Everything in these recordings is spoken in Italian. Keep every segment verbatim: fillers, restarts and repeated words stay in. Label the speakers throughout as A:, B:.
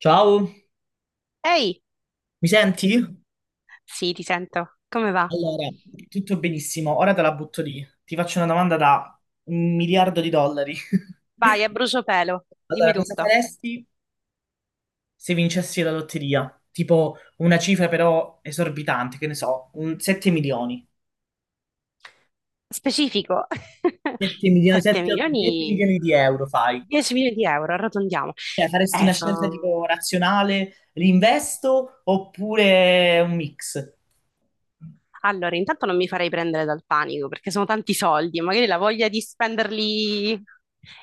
A: Ciao,
B: Ehi,
A: mi senti?
B: sì, ti sento. Come va?
A: Allora, tutto benissimo, ora te la butto lì. Ti faccio una domanda da un miliardo di dollari.
B: Vai, a bruciopelo, dimmi
A: Allora, cosa
B: tutto.
A: faresti se vincessi la lotteria? Tipo una cifra però esorbitante, che ne so, un sette milioni.
B: Specifico.
A: sette milioni,
B: sette
A: sette, otto, dieci
B: milioni,
A: milioni di euro fai.
B: dieci milioni di euro, arrotondiamo.
A: Cioè, faresti
B: Eh,
A: una scelta
B: sono
A: tipo razionale, l'investo oppure un mix?
B: Allora, intanto non mi farei prendere dal panico perché sono tanti soldi, magari la voglia di spenderli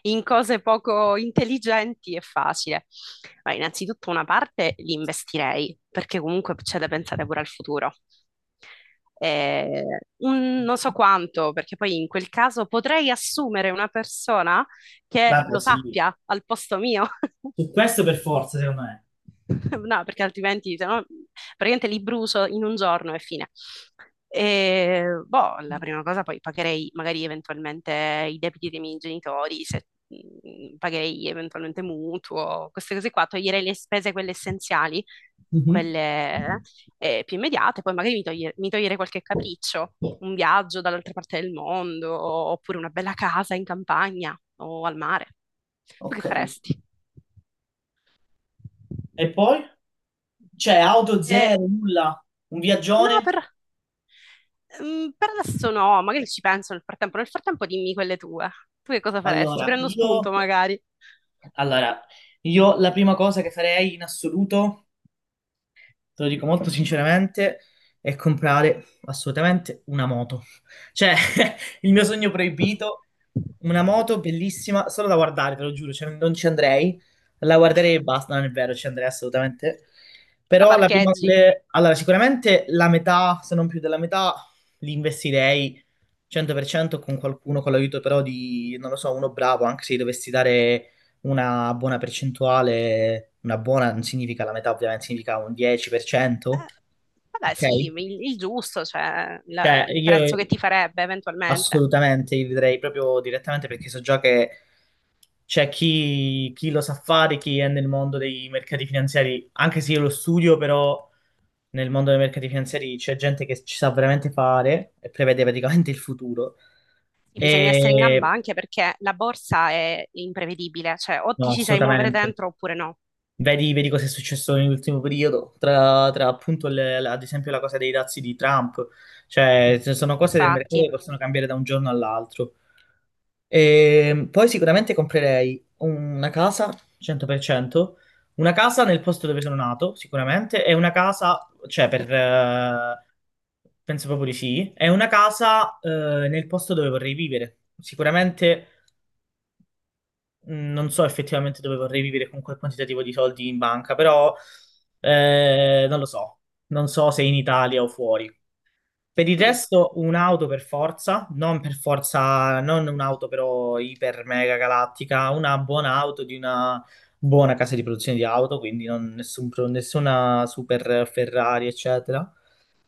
B: in cose poco intelligenti è facile. Ma innanzitutto una parte li investirei perché comunque c'è da pensare pure al futuro. Eh, un- Non so quanto, perché poi in quel caso potrei assumere una persona che
A: Vabbè,
B: lo
A: sì.
B: sappia al posto mio.
A: Su questo per forza, secondo me.
B: No, perché altrimenti se no, praticamente li brucio in un giorno e fine. E, boh, la prima cosa poi pagherei magari eventualmente i debiti dei miei genitori, se, mh, pagherei eventualmente mutuo, queste cose qua, toglierei le spese quelle essenziali,
A: Mhm.
B: quelle eh, più immediate, poi magari mi, toglie- mi toglierei qualche capriccio, un viaggio dall'altra parte del mondo, oppure una bella casa in campagna o al mare. Tu che
A: Ok.
B: faresti?
A: E poi? C'è auto
B: Eh,
A: zero, nulla, un
B: no,
A: viaggione?
B: per... Mm, per adesso no, magari ci penso nel frattempo. Nel frattempo dimmi quelle tue. Tu che cosa faresti?
A: Allora,
B: Prendo
A: io...
B: spunto magari.
A: Allora, io la prima cosa che farei in assoluto te lo dico molto sinceramente, è comprare assolutamente una moto. Cioè, il mio sogno proibito, una moto bellissima, solo da guardare, te lo giuro, cioè, non ci andrei, la guarderei e basta, non è vero, ci andrei assolutamente.
B: La
A: Però la prima,
B: parcheggi.
A: le- allora, sicuramente la metà, se non più della metà, li investirei cento per cento con qualcuno, con l'aiuto però di, non lo so, uno bravo, anche se gli dovessi dare una buona percentuale, una buona non significa la metà, ovviamente significa un dieci per cento,
B: Eh, vabbè,
A: ok?
B: sì, il, il giusto, cioè la-
A: Cioè,
B: il
A: io
B: prezzo che ti farebbe eventualmente.
A: assolutamente li vedrei proprio direttamente perché so già che c'è chi, chi lo sa fare, chi è nel mondo dei mercati finanziari, anche se io lo studio, però nel mondo dei mercati finanziari c'è gente che ci sa veramente fare e prevede praticamente il futuro.
B: Sì, bisogna essere in gamba
A: E
B: anche perché la borsa è imprevedibile, cioè o
A: no,
B: ti ci sai muovere
A: assolutamente.
B: dentro oppure no.
A: Vedi, vedi cosa è successo nell'ultimo periodo, tra, tra appunto le- la- ad esempio la cosa dei dazi di Trump, cioè ci sono cose del mercato che
B: Infatti.
A: possono cambiare da un giorno all'altro. E poi sicuramente comprerei una casa, cento per cento, una casa nel posto dove sono nato, sicuramente, e una casa, cioè per... eh, penso proprio di sì, e una casa eh, nel posto dove vorrei vivere. Sicuramente mh, non so effettivamente dove vorrei vivere con quel quantitativo di soldi in banca, però eh, non lo so. Non so se in Italia o fuori. Per il
B: Mm.
A: resto, un'auto per forza, non per forza, non un'auto però iper mega galattica, una buona auto di una buona casa di produzione di auto, quindi non- nessun pro- nessuna super Ferrari, eccetera.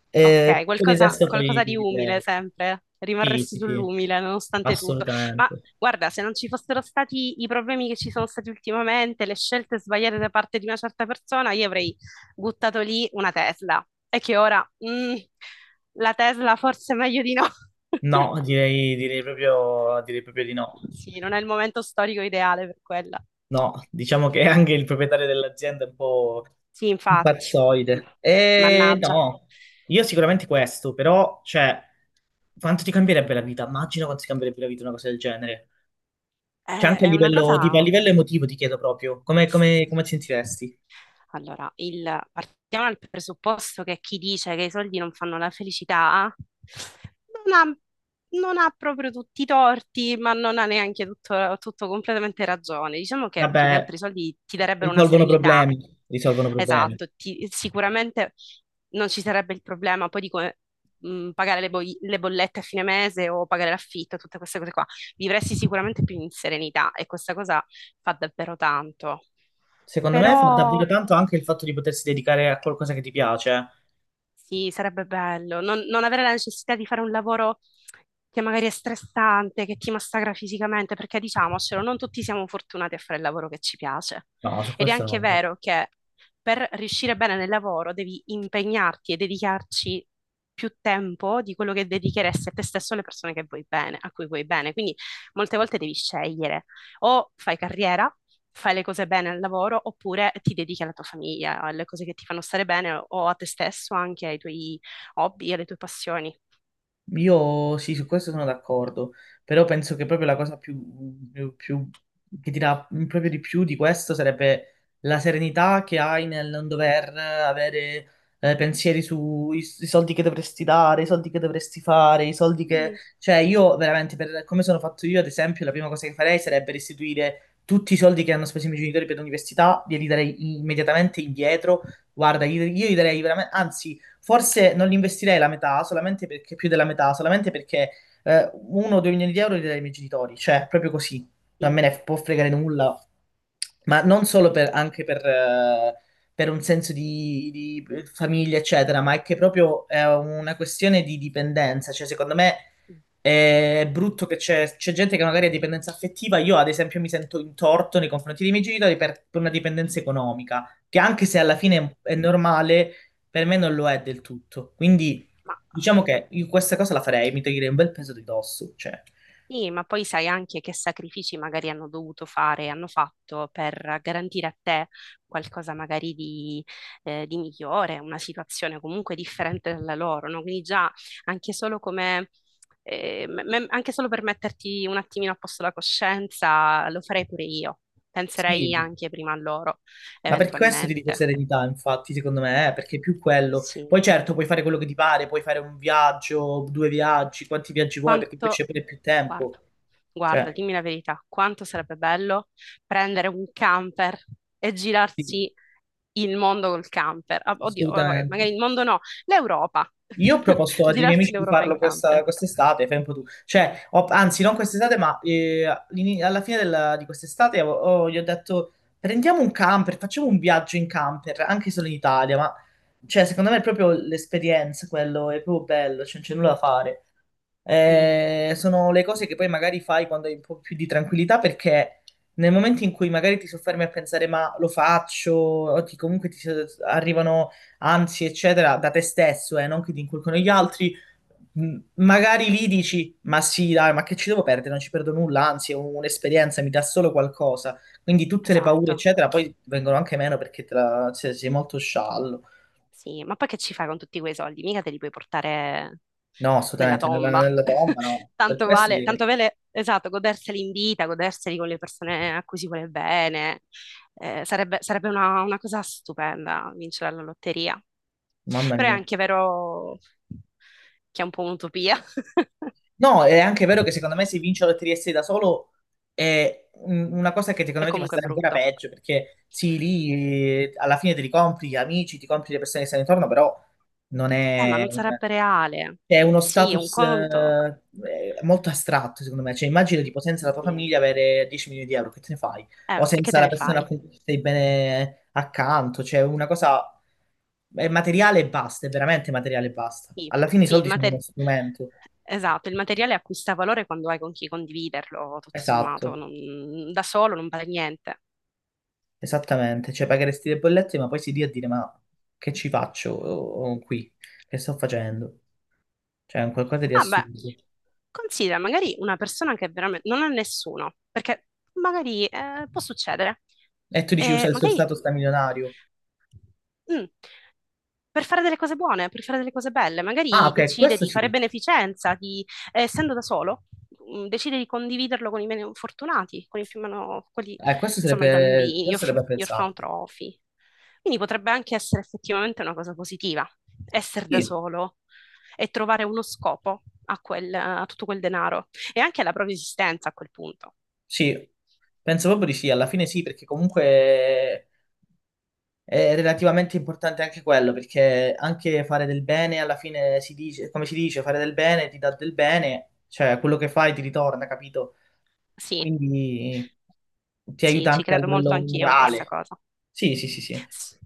A: E
B: Ok,
A: per il
B: qualcosa,
A: resto poi
B: qualcosa di umile
A: direi,
B: sempre,
A: sì,
B: rimarresti
A: sì, sì,
B: sull'umile nonostante tutto. Ma
A: assolutamente.
B: guarda, se non ci fossero stati i problemi che ci sono stati ultimamente, le scelte sbagliate da parte di una certa persona, io avrei buttato lì una Tesla. E che ora, mm, la Tesla forse è meglio di no.
A: No, direi, direi proprio, direi proprio di no.
B: Sì, non è il momento storico ideale per quella.
A: No, diciamo che anche il proprietario dell'azienda è un po'
B: Sì,
A: un
B: infatti.
A: pazzoide. E
B: Mannaggia.
A: no, io sicuramente questo, però, cioè, quanto ti cambierebbe la vita? Immagino quanto ti cambierebbe la vita una cosa del genere. Cioè,
B: È,
A: anche a
B: è una
A: livello, tipo, a
B: cosa.
A: livello emotivo ti chiedo proprio, come, come, come ti sentiresti?
B: Allora, il- partiamo dal presupposto che chi dice che i soldi non fanno la felicità non ha, non ha proprio tutti i torti, ma non ha neanche tutto, tutto completamente ragione. Diciamo che più che
A: Vabbè,
B: altro i soldi ti darebbero una
A: risolvono
B: serenità.
A: problemi, risolvono problemi.
B: Esatto, ti sicuramente non ci sarebbe il problema poi di come, mh, pagare le, boi- le bollette a fine mese o pagare l'affitto, tutte queste cose qua. Vivresti sicuramente più in serenità e questa cosa fa davvero tanto.
A: Secondo me fa davvero
B: Però
A: tanto anche il fatto di potersi dedicare a qualcosa che ti piace. Eh.
B: sì, sarebbe bello non, non avere la necessità di fare un lavoro che magari è stressante, che ti massacra fisicamente, perché diciamocelo, non tutti siamo fortunati a fare il lavoro che ci piace.
A: No, su
B: Ed è
A: questo
B: anche
A: no.
B: vero che per riuscire bene nel lavoro devi impegnarti e dedicarci più tempo di quello che dedicheresti a te stesso e alle persone che vuoi bene, a cui vuoi bene. Quindi molte volte devi scegliere o fai carriera, fai le cose bene al lavoro oppure ti dedichi alla tua famiglia, alle cose che ti fanno stare bene o a te stesso, anche ai tuoi hobby, alle tue passioni.
A: Io sì, su questo sono d'accordo, però penso che proprio la cosa più, più- più- che ti dà proprio di più di questo sarebbe la serenità che hai nel non dover avere eh, pensieri sui i soldi che dovresti dare, i soldi che dovresti fare, i soldi che...
B: Sì,
A: Cioè io veramente, per come sono fatto io, ad esempio, la prima cosa che farei sarebbe restituire tutti i soldi che hanno speso i miei genitori per l'università, glieli darei immediatamente indietro. Guarda, io, io gli darei veramente... Anzi forse non li investirei la metà, solamente perché più della metà, solamente perché eh, uno o due milioni di euro li darei ai miei genitori, cioè proprio così, non me
B: sì,
A: ne può fregare nulla, ma non solo per, anche per, eh, per un senso di, di famiglia, eccetera, ma è che proprio è una questione di dipendenza, cioè secondo me è brutto che c'è, c'è gente che magari ha dipendenza affettiva. Io, ad esempio, mi sento in torto nei confronti dei miei genitori per, per una dipendenza economica, che anche se alla
B: sì.
A: fine è è normale, per me non lo è del tutto. Quindi
B: Ma
A: diciamo che io questa cosa la farei, mi toglierei un bel peso di dosso. Cioè,
B: Sì, ma poi sai anche che sacrifici magari hanno dovuto fare, hanno fatto per garantire a te qualcosa magari di, eh, di migliore, una situazione comunque differente dalla loro, no? Quindi già anche solo come, eh, me- me- anche solo per metterti un attimino a posto la coscienza, lo farei pure io.
A: sì,
B: Penserei anche prima a loro,
A: ma per questo ti dico
B: eventualmente.
A: serenità, infatti, secondo me, eh, perché è più
B: Quindi
A: quello.
B: Sì.
A: Poi certo, puoi fare quello che ti pare, puoi fare un viaggio, due viaggi, quanti viaggi vuoi, perché poi
B: Quanto
A: c'è pure più tempo.
B: Guarda, guarda,
A: Cioè,
B: dimmi la verità, quanto sarebbe bello prendere un camper e
A: sì,
B: girarsi il mondo col camper. Ah, Oddio, vabbè,
A: assolutamente.
B: magari il mondo no, l'Europa.
A: Io ho proposto ai miei
B: Girarsi
A: amici di
B: l'Europa in
A: farlo
B: camper.
A: questa, quest'estate, fai un po' tu. Cioè, ho- anzi, non
B: Dai,
A: quest'estate, ma eh, all'ini- alla fine della- di quest'estate ho- ho- gli ho detto prendiamo un camper, facciamo un viaggio in camper, anche solo in Italia, ma cioè, secondo me è proprio l'esperienza, quello è proprio bello, cioè, non c'è nulla da fare.
B: sì,
A: Eh, sono le cose che poi magari fai quando hai un po' più di tranquillità, perché nel momento in cui magari ti soffermi a pensare ma lo faccio, o ti- comunque ti arrivano ansie, eccetera, da te stesso, eh, non che ti inculcano gli altri. M- Magari lì dici, ma sì, dai, ma che ci devo perdere? Non ci perdo nulla, anzi, è un- un'esperienza, mi dà solo qualcosa. Quindi tutte le paure,
B: esatto.
A: eccetera, poi vengono anche meno perché te la- se- sei molto sciallo.
B: Sì, ma poi che ci fai con tutti quei soldi? Mica te li puoi portare
A: No,
B: nella
A: assolutamente, nella,
B: tomba.
A: nella tomba no. Per
B: Tanto
A: questo,
B: vale, tanto
A: direi-
B: vale, esatto, goderseli in vita, goderseli con le persone a cui si vuole bene. Eh, sarebbe sarebbe una, una cosa stupenda vincere la lotteria.
A: mamma
B: Però è
A: mia.
B: anche vero che è un po' un'utopia.
A: No, è anche vero che secondo me se vince la Lotteria sei da solo è un- una cosa che secondo
B: È
A: me ti fa
B: comunque
A: stare ancora
B: brutto.
A: peggio, perché sì, lì eh, alla fine te li compri gli amici, ti compri le persone che stanno intorno, però non
B: Eh, ma
A: è...
B: non
A: un-
B: sarebbe reale.
A: È uno
B: Sì, è un
A: status
B: conto.
A: eh, eh, molto astratto, secondo me. Cioè, immagina tipo senza la tua
B: Sì.
A: famiglia avere dieci milioni di euro, che te ne fai? O
B: Eh, e che
A: senza
B: te
A: la
B: ne
A: persona a
B: fai?
A: cui stai bene accanto. Cioè, una cosa è materiale e basta, è veramente materiale e basta.
B: Sì,
A: Alla fine i
B: sì, il
A: soldi sono uno
B: mater-
A: strumento.
B: esatto, il materiale acquista valore quando hai con chi condividerlo, tutto sommato,
A: Esatto,
B: non- da solo non vale niente.
A: esattamente, cioè pagheresti le bollette ma poi si lì a dire ma che ci faccio oh, qui, che sto facendo? Cioè è un qualcosa di
B: Ah beh,
A: assurdo.
B: considera magari una persona che veramente non ha nessuno, perché magari eh, può succedere.
A: E tu dici usa
B: E
A: il suo
B: magari
A: stato sta milionario.
B: mm, per fare delle cose buone, per fare delle cose belle,
A: Ah
B: magari
A: ok,
B: decide
A: questo
B: di
A: sì,
B: fare beneficenza, di, eh, essendo da solo, mm, decide di condividerlo con i meno fortunati, con i più meno, quelli,
A: eh, questo
B: insomma, i
A: sarebbe,
B: bambini, gli,
A: questo
B: orf-
A: sarebbe
B: gli
A: apprezzabile.
B: orfanotrofi. Quindi potrebbe anche essere effettivamente una cosa positiva, essere da
A: Sì,
B: solo, e trovare uno scopo a quel, a tutto quel denaro e anche alla propria esistenza a quel punto.
A: sì, penso proprio di sì, alla fine sì, perché comunque è relativamente importante anche quello, perché anche fare del bene alla fine si dice, come si dice, fare del bene ti dà del bene, cioè quello che fai ti ritorna, capito?
B: Sì,
A: Quindi ti
B: sì,
A: aiuta
B: ci
A: anche a
B: credo molto
A: livello
B: anch'io in questa
A: morale.
B: cosa.
A: Sì, sì, sì, sì,
B: S-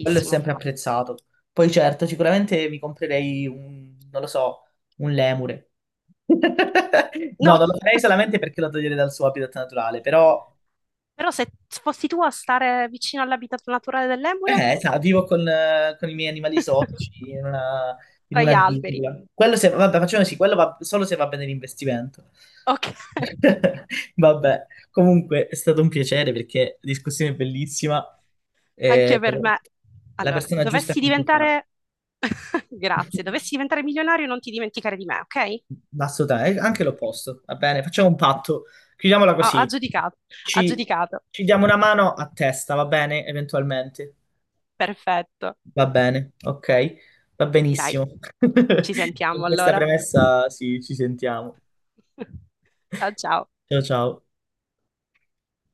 A: quello è sempre apprezzato. Poi certo, sicuramente mi comprerei un, non lo so, un lemure. No,
B: No,
A: non lo farei solamente perché lo toglierei dal suo habitat naturale, però
B: però se fossi tu a stare vicino all'habitat naturale dell'Emure,
A: Eh, sa, vivo con, eh, con i miei animali esotici in una, in
B: tra gli
A: una
B: alberi.
A: giungla. Quello se, vabbè, facciamo sì, quello va solo se va bene l'investimento.
B: Ok,
A: Vabbè, comunque è stato un piacere perché la discussione è bellissima.
B: anche
A: Eh,
B: per me.
A: la
B: Allora,
A: persona giusta
B: dovessi
A: che mi fa.
B: diventare. Grazie, dovessi diventare milionario non ti dimenticare di me, ok?
A: Assolutamente, anche l'opposto. Va bene, facciamo un patto. Chiudiamola
B: Ah, ha
A: così.
B: giudicato, ha
A: Ci,
B: giudicato.
A: ci diamo una mano a testa, va bene? Eventualmente.
B: Perfetto.
A: Va bene, ok, va
B: Dai,
A: benissimo.
B: ci
A: Con
B: sentiamo
A: questa
B: allora.
A: premessa sì, ci sentiamo.
B: Ciao ciao.
A: Ciao ciao.